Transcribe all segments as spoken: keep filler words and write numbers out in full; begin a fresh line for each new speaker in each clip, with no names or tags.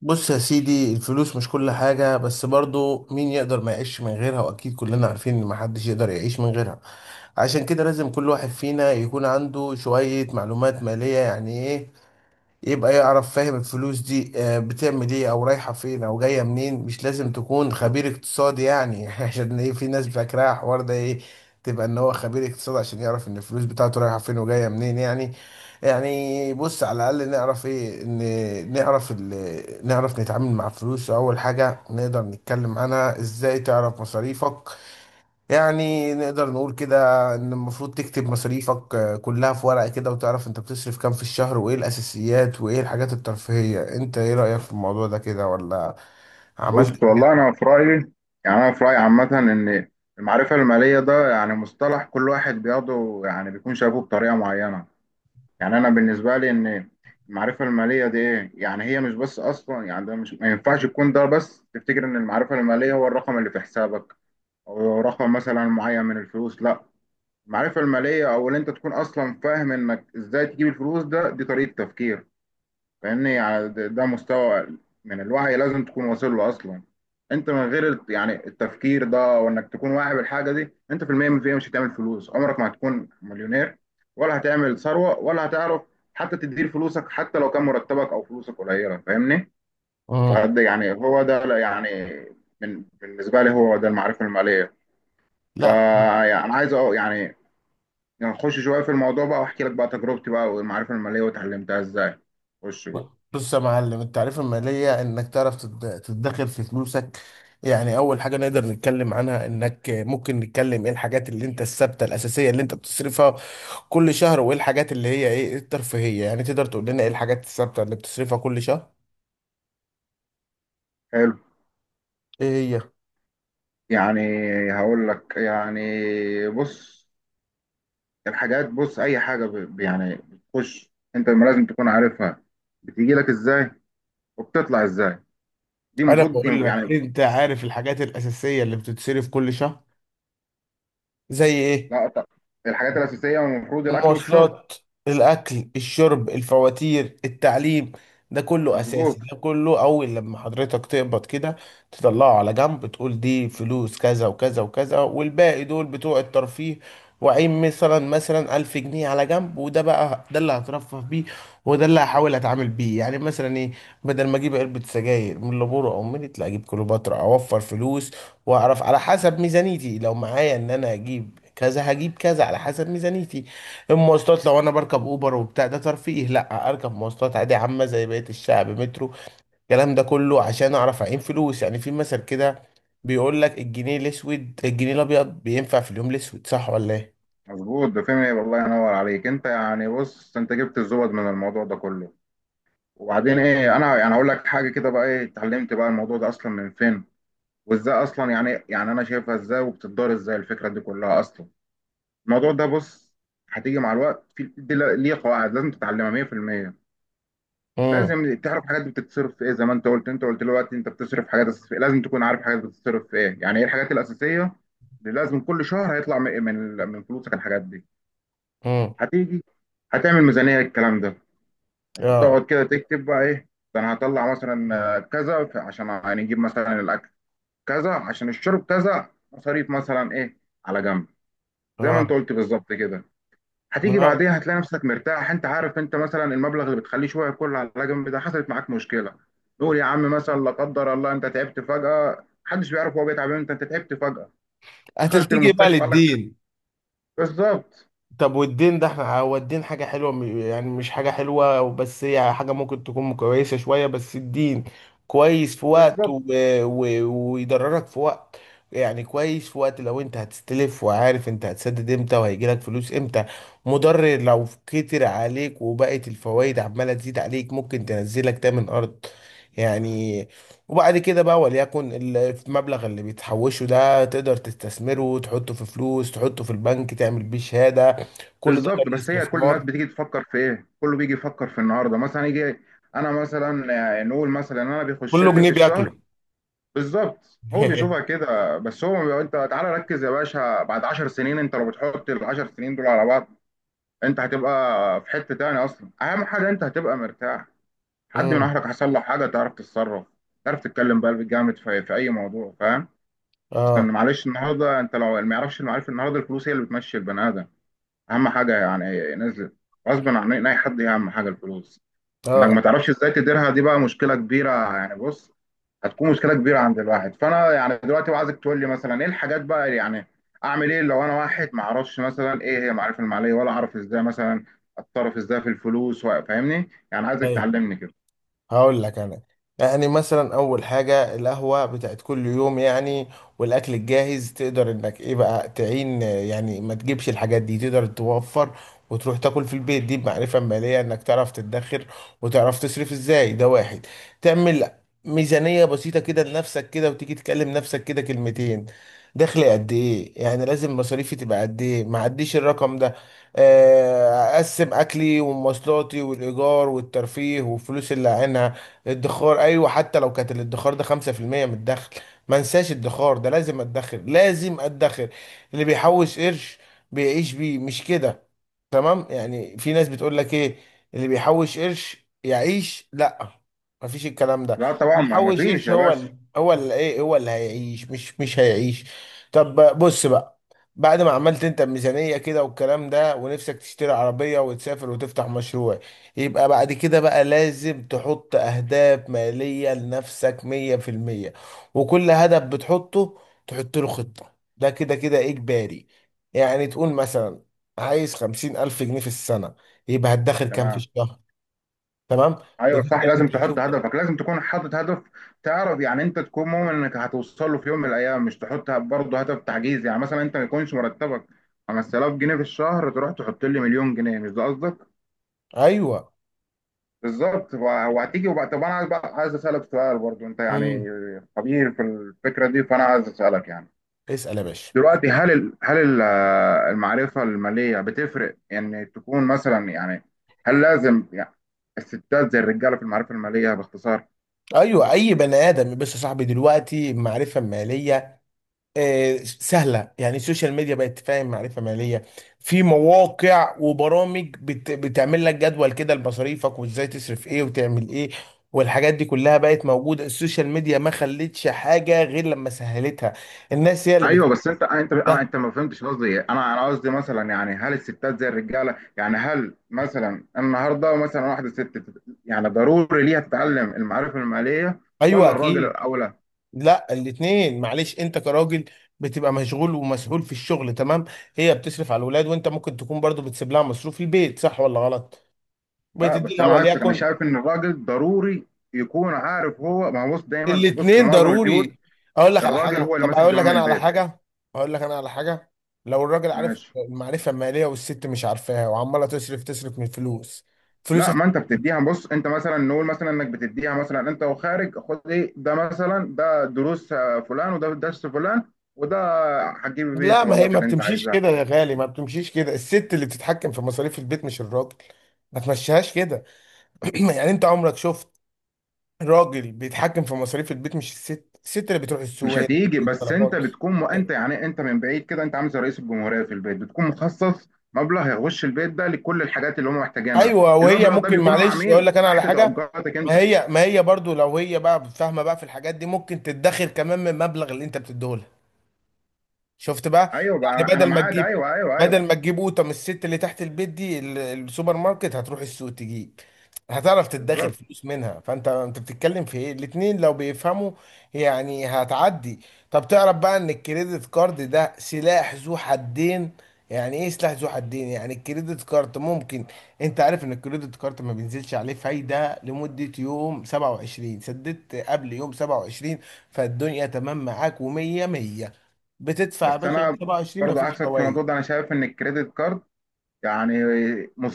بص يا سيدي، الفلوس مش كل حاجة، بس برضو مين يقدر ما يعيش من غيرها؟ وأكيد كلنا عارفين إن محدش يقدر يعيش من غيرها. عشان كده لازم كل واحد فينا يكون عنده شوية معلومات مالية. يعني إيه؟ يبقى يعرف، فاهم الفلوس دي آه، بتعمل ايه او رايحة فين او جاية منين. مش لازم تكون خبير اقتصادي يعني عشان ايه في ناس فاكراها الحوار ده ايه؟ تبقى ان هو خبير اقتصاد عشان يعرف ان الفلوس بتاعته رايحة فين وجاية منين يعني. يعني بص، على الاقل نعرف ايه؟ ان نعرف ال... نعرف نتعامل مع الفلوس. اول حاجة نقدر نتكلم عنها، ازاي تعرف مصاريفك؟ يعني نقدر نقول كده ان المفروض تكتب مصاريفك آه، كلها في ورقة كده، وتعرف انت بتصرف كام في الشهر، وايه الاساسيات وايه الحاجات الترفيهية. انت ايه رأيك في الموضوع ده، كده ولا عملت
بص
حاجات؟
والله انا في رايي، يعني انا في رايي عامه ان المعرفه الماليه ده يعني مصطلح كل واحد بياخده، يعني بيكون شايفه بطريقه معينه. يعني انا بالنسبه لي ان المعرفه الماليه دي ايه؟ يعني هي مش بس اصلا، يعني ده مش، ما ينفعش تكون ده بس، تفتكر ان المعرفه الماليه هو الرقم اللي في حسابك او رقم مثلا معين من الفلوس. لا، المعرفه الماليه او ان انت تكون اصلا فاهم انك ازاي تجيب الفلوس، ده دي طريقه تفكير. فاهمني؟ يعني ده ده مستوى من الوعي لازم تكون واصل له اصلا. انت من غير الت- يعني التفكير ده وانك تكون واعي بالحاجه دي، انت في المية من المية مش هتعمل فلوس، عمرك ما هتكون مليونير ولا هتعمل ثروه ولا هتعرف حتى تدير فلوسك، حتى لو كان مرتبك او فلوسك قليله. فاهمني؟
مم.
فده يعني هو ده، لا، يعني من بالنسبه لي هو ده المعرفه الماليه.
لا،
فانا عايز أ- يعني نخش شويه في الموضوع بقى، واحكي لك بقى تجربتي بقى، والمعرفه الماليه وتعلمتها ازاي. خش بقى.
بص يا معلم، التعريف المالية انك تعرف تد- تدخر في فلوسك. يعني اول حاجة نقدر نتكلم عنها، انك ممكن نتكلم ايه الحاجات اللي انت الثابتة الاساسية اللي انت بتصرفها كل شهر، وايه الحاجات اللي هي ايه الترفيهية. يعني تقدر تقول لنا ايه الحاجات الثابتة اللي بتصرفها كل شهر؟
حلو،
ايه هي؟
يعني هقول لك، يعني بص، الحاجات بص، اي حاجه ب- يعني بتخش انت ما لازم تكون عارفها بتيجي لك ازاي وبتطلع ازاي، دي
انا
المفروض
بقول لك،
يعني.
انت عارف الحاجات الاساسيه اللي بتتصرف كل شهر؟ زي ايه؟
لا ط- الحاجات الاساسيه المفروض الاكل والشرب.
المواصلات، الاكل، الشرب، الفواتير، التعليم، ده كله
مظبوط.
اساسي. ده كله اول لما حضرتك تقبض كده، تطلعه على جنب، تقول دي فلوس كذا وكذا وكذا، والباقي دول بتوع الترفيه. وعين مثلا مثلا ألف جنيه على جنب، وده بقى ده اللي هترفه بيه، وده اللي هحاول اتعامل بيه. يعني مثلا ايه، بدل ما اجيب علبة سجاير من لابورو او ميريت، لا اجيب كليوباترا اوفر فلوس. واعرف على حسب ميزانيتي، لو معايا ان انا اجيب كذا هجيب كذا على حسب ميزانيتي. المواصلات، لو انا بركب اوبر وبتاع ده ترفيه، لا اركب مواصلات عادي عامه زي بقيه الشعب، مترو. الكلام ده كله عشان اعرف اعين فلوس. يعني في مثل كده بيقول لك الجنيه الاسود الجنيه الابيض بينفع في اليوم الاسود، صح ولا ايه؟
مظبوط، ده فهمني والله، ينور عليك انت، يعني بص، انت جبت الزبد من الموضوع ده كله. وبعدين ايه، انا يعني هقول لك حاجه كده بقى، ايه اتعلمت بقى الموضوع ده اصلا من فين، وازاي اصلا يعني، يعني انا شايفها ازاي وبتدار ازاي الفكره دي كلها اصلا. الموضوع ده بص، هتيجي مع الوقت. في دي ل- ليه قواعد لازم تتعلمها مية في المية.
امم،
لازم تعرف حاجات بتتصرف في ايه، زي ما انت قلت، انت قلت دلوقتي انت بتصرف حاجات أساسية. لازم تكون عارف حاجات بتتصرف في ايه، يعني ايه الحاجات الاساسيه اللي لازم كل شهر هيطلع من من من فلوسك الحاجات دي.
امم،
هتيجي هتعمل ميزانيه، الكلام ده انت
اه،
تقعد كده تكتب بقى، ايه ده، انا هطلع مثلا آه، كذا، ف- عشان هنجيب مثلا الاكل كذا، عشان الشرب كذا، مصاريف مثلا ايه على جنب، زي ما انت
اه.
قلت بالظبط كده.
ما
هتيجي
هو
بعديها هتلاقي نفسك مرتاح، انت عارف انت مثلا المبلغ اللي بتخليه شويه كله على جنب ده، حصلت معاك مشكله، نقول يا عم مثلا لا قدر الله انت تعبت فجاه، محدش بيعرف هو بيتعب امتى، انت تعبت فجاه دخلت
هتلتجي بقى
المستشفى قال لك.
للدين.
بالظبط.
طب والدين ده، احنا هو الدين حاجة حلوة، م- يعني مش حاجة حلوة، بس هي حاجة ممكن تكون كويسة شوية. بس الدين كويس في وقت و...
بالظبط.
و... ويضررك في وقت. يعني كويس في وقت لو انت هتستلف وعارف انت هتسدد امتى وهيجيلك فلوس امتى. مضر لو كتر عليك وبقت الفوائد عمالة تزيد عليك، ممكن تنزلك تامن ارض يعني. وبعد كده بقى، وليكن ال- المبلغ اللي بتحوشه ده، تقدر تستثمره، تحطه في فلوس، تحطه في البنك، تعمل بيه شهادة، كل ده
بالظبط،
كان
بس هي كل الناس
استثمار.
بتيجي تفكر في ايه، كله بيجي يفكر في النهارده، مثلا يجي انا مثلا، آه، نقول مثلا انا بيخش
كله
لي
جنيه
في الشهر.
بياكله
بالظبط، هو بيشوفها كده، بس هو بيبقى- انت تعالى ركز يا باشا، بعد 10 سنين انت لو بتحط ال 10 سنين دول على بعض، انت هتبقى في حتة تاني اصلا. اهم حاجة انت هتبقى مرتاح، حد من
امم،
اهلك حصل له حاجة تعرف تتصرف، تعرف تتكلم بقلب جامد في, في اي موضوع. فاهم؟ اصلا
اه،
معلش النهاردة انت لو ما يعرفش المعارف، النهاردة الفلوس هي اللي بتمشي البني ادم، اهم حاجة، يعني نزلت غصب عن اي حد، هي اهم حاجة الفلوس. انك ما
اه.
تعرفش ازاي تديرها دي بقى مشكله كبيره. يعني بص، هتكون مشكله كبيره عند الواحد. فانا يعني دلوقتي بقى عايزك تقول لي مثلا ايه الحاجات بقى اللي يعني اعمل ايه لو انا واحد ما اعرفش مثلا ايه هي المعرفه الماليه، ولا اعرف ازاي مثلا اتصرف ازاي في الفلوس و- فاهمني، يعني عايزك
ايوه،
تعلمني كده.
هقول لك انا، يعني مثلا اول حاجه القهوه بتاعت كل يوم يعني، والاكل الجاهز، تقدر انك ايه بقى تعين، يعني ما تجيبش الحاجات دي تقدر توفر وتروح تاكل في البيت. دي بمعرفه ماليه، انك تعرف تدخر وتعرف تصرف ازاي، ده واحد. تعمل ميزانيه بسيطه كده لنفسك، كده وتيجي تكلم نفسك كده كلمتين. دخلي قد ايه؟ يعني لازم مصاريفي تبقى قد ايه؟ ما عديش الرقم ده. آه، اقسم اكلي ومواصلاتي والايجار والترفيه والفلوس اللي عينها الادخار. ايوه، حتى لو كانت الادخار ده خمسة في المية من الدخل، ما انساش الادخار ده، لازم ادخر، لازم ادخر. اللي بيحوش قرش بيعيش بيه، مش كده؟ تمام. يعني في ناس بتقول لك ايه، اللي بيحوش قرش يعيش، لا، مفيش الكلام ده.
لا طبعا،
اللي
ما ما
يحوش
فيش
قرش
يا
هو
باشا.
ال... هو اللي ايه، هو اللي هيعيش، مش مش هيعيش. طب بص بقى، بعد ما عملت انت الميزانية كده والكلام ده، ونفسك تشتري عربية وتسافر وتفتح مشروع، يبقى بعد كده بقى لازم تحط اهداف مالية لنفسك مية في المية. وكل هدف بتحطه تحط له خطة، ده كده كده اجباري. يعني تقول مثلا، عايز خمسين ألف جنيه في السنة، يبقى هتدخل كام في
تمام.
الشهر؟ تمام.
ايوه صح،
بتبدأ
لازم
أنت
تحط
تشوف.
هدفك، لازم تكون حاطط هدف تعرف يعني، انت تكون مؤمن انك هتوصل له في يوم من الايام، مش تحط برضه هدف تعجيزي، يعني مثلا انت ما يكونش مرتبك خمستلاف جنيه في الشهر تروح تحط لي مليون جنيه. مش ده قصدك؟
أيوه.
بالظبط. وهتيجي وبقى طب انا عايز بقى، عايز اسالك سؤال برضه، انت يعني
مم.
خبير في الفكره دي، فانا عايز اسالك يعني
اسأل يا باشا.
دلوقتي هل ال... هل ال- المعرفه الماليه بتفرق؟ ان تكون مثلا يعني، هل لازم يعني الستات زي الرجاله في المعرفه الماليه؟ باختصار.
أيوه، أي بني آدم. بس يا صاحبي، دلوقتي معرفة مالية آه سهلة. يعني السوشيال ميديا بقت تفهم معرفة مالية. في مواقع وبرامج بت بتعمل لك جدول كده لمصاريفك، وإزاي تصرف إيه وتعمل إيه. والحاجات دي كلها بقت موجودة. السوشيال ميديا ما خلتش حاجة غير لما سهلتها. الناس هي اللي
ايوه
بتحطها.
بس انت انت انا انت ما فهمتش قصدي إيه. انا انا قصدي مثلا يعني، هل الستات زي الرجاله، يعني هل مثلا النهارده مثلا واحده ست تت- يعني ضروري ليها تتعلم المعرفه الماليه،
أيوه،
ولا الراجل
أكيد.
الاولى؟
لا، الاتنين. معلش، انت كراجل بتبقى مشغول ومسؤول في الشغل، تمام؟ هي بتصرف على الولاد، وانت ممكن تكون برضو بتسيب لها مصروف البيت، صح ولا غلط؟
لا
بتدي
بس
لها
انا عكسك، انا
وليكن.
شايف ان الراجل ضروري يكون عارف، هو ما هو بص، دايما بص في
الاتنين
معظم البيوت
ضروري. اقول لك على
الراجل
حاجه،
هو اللي
طب
ماسك
اقول لك
زمام
انا على
البيت.
حاجه، اقول لك انا على حاجه. لو الراجل عارف
ماشي.
المعرفه الماليه والست مش عارفاها وعماله تصرف تصرف من فلوس، فلوس
لا،
هت-
ما انت بتديها، بص انت مثلا، نقول مثلا انك بتديها مثلا انت وخارج، خد ايه ده مثلا، ده دروس آه، فلان، وده درس فلان، وده هتجيب بيه
لا، ما هي
الطلبات
ما
اللي انت
بتمشيش
عايزها.
كده يا غالي، ما بتمشيش كده. الست اللي بتتحكم في مصاريف البيت، مش الراجل. ما تمشيهاش كده. يعني انت عمرك شفت راجل بيتحكم في مصاريف البيت مش الست؟ الست اللي بتروح السوق
مش
هي اللي
هتيجي،
بتجيب
بس انت
الطلبات.
بتكون م... انت يعني انت من بعيد كده، انت عامل زي رئيس الجمهوريه في البيت، بتكون مخصص مبلغ يخش البيت ده لكل الحاجات اللي هم محتاجينها،
ايوه، وهي
المبلغ ده
ممكن،
بيكون مع
معلش اقول
مين؟
لك انا على
تحت
حاجه،
توجهاتك
ما
انت.
هي ما هي برضو لو هي بقى فاهمه بقى في الحاجات دي، ممكن تتدخر كمان من المبلغ اللي انت بتديه لها. شفت بقى؟
ايوه بقى
يعني
انا
بدل ما
معاك،
تجيب،
ايوه، ايوه، ايوه.
بدل ما تجيب قوطه من الست اللي تحت البيت دي ال- السوبر ماركت، هتروح السوق تجيب، هتعرف تدخر
بالظبط.
فلوس منها. فانت انت بتتكلم في ايه؟ الاتنين لو بيفهموا يعني هتعدي. طب تعرف بقى ان الكريدت كارد ده سلاح ذو حدين؟ يعني ايه سلاح ذو حدين؟ يعني الكريدت كارد ممكن، انت عارف ان الكريدت كارد ما بينزلش عليه فايدة لمدة يوم سبعة وعشرين، سددت قبل يوم سبعة وعشرين فالدنيا تمام معاك و100 مية مية. بتدفع يا
بس
باشا
انا
سبعة وعشرين،
برضو
مفيش
عكسك في
فوائد.
الموضوع ده، انا شايف ان الكريدت كارد يعني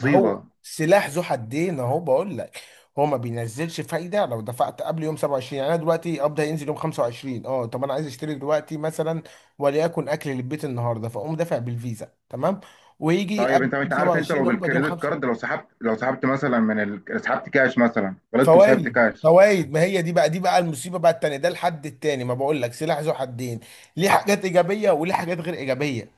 ما هو سلاح ذو حدين اهو بقول لك. هو ما بينزلش فايده لو دفعت قبل يوم سبعة وعشرين. يعني انا دلوقتي قبض هينزل يوم خمسة وعشرين. اه، طب انا عايز اشتري دلوقتي مثلا، وليكن اكل للبيت النهارده، فاقوم دافع بالفيزا تمام، ويجي
طيب
قبل
انت
يوم
انت عارف انت لو
سبعة وعشرين اقبض يوم
بالكريدت
خمسة.
كارد، لو سحبت، لو سحبت مثلا من ال... سحبت كاش مثلا، غلطت وسحبت
فوائد،
كاش.
فوائد. ما هي دي بقى، دي بقى المصيبه بقى التانيه، ده الحد التاني، ما بقول لك سلاح ذو حدين، ليه حاجات ايجابيه وليه حاجات غير ايجابيه.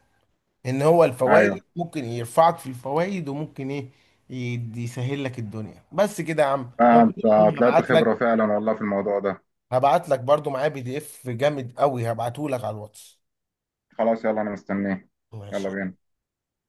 ان هو الفوائد
ايوه.
ممكن يرفعك في الفوائد، وممكن ايه يد- يسهل لك الدنيا. بس كده يا عم، لو كده
فانت
يا عم
طلعت
هبعت
خبره
لك،
فعلا والله في الموضوع ده.
هبعت لك برضو معايا بي دي اف جامد قوي هبعته لك على الواتس.
خلاص يلا، انا مستنيه. يلا
ماشي.
بينا.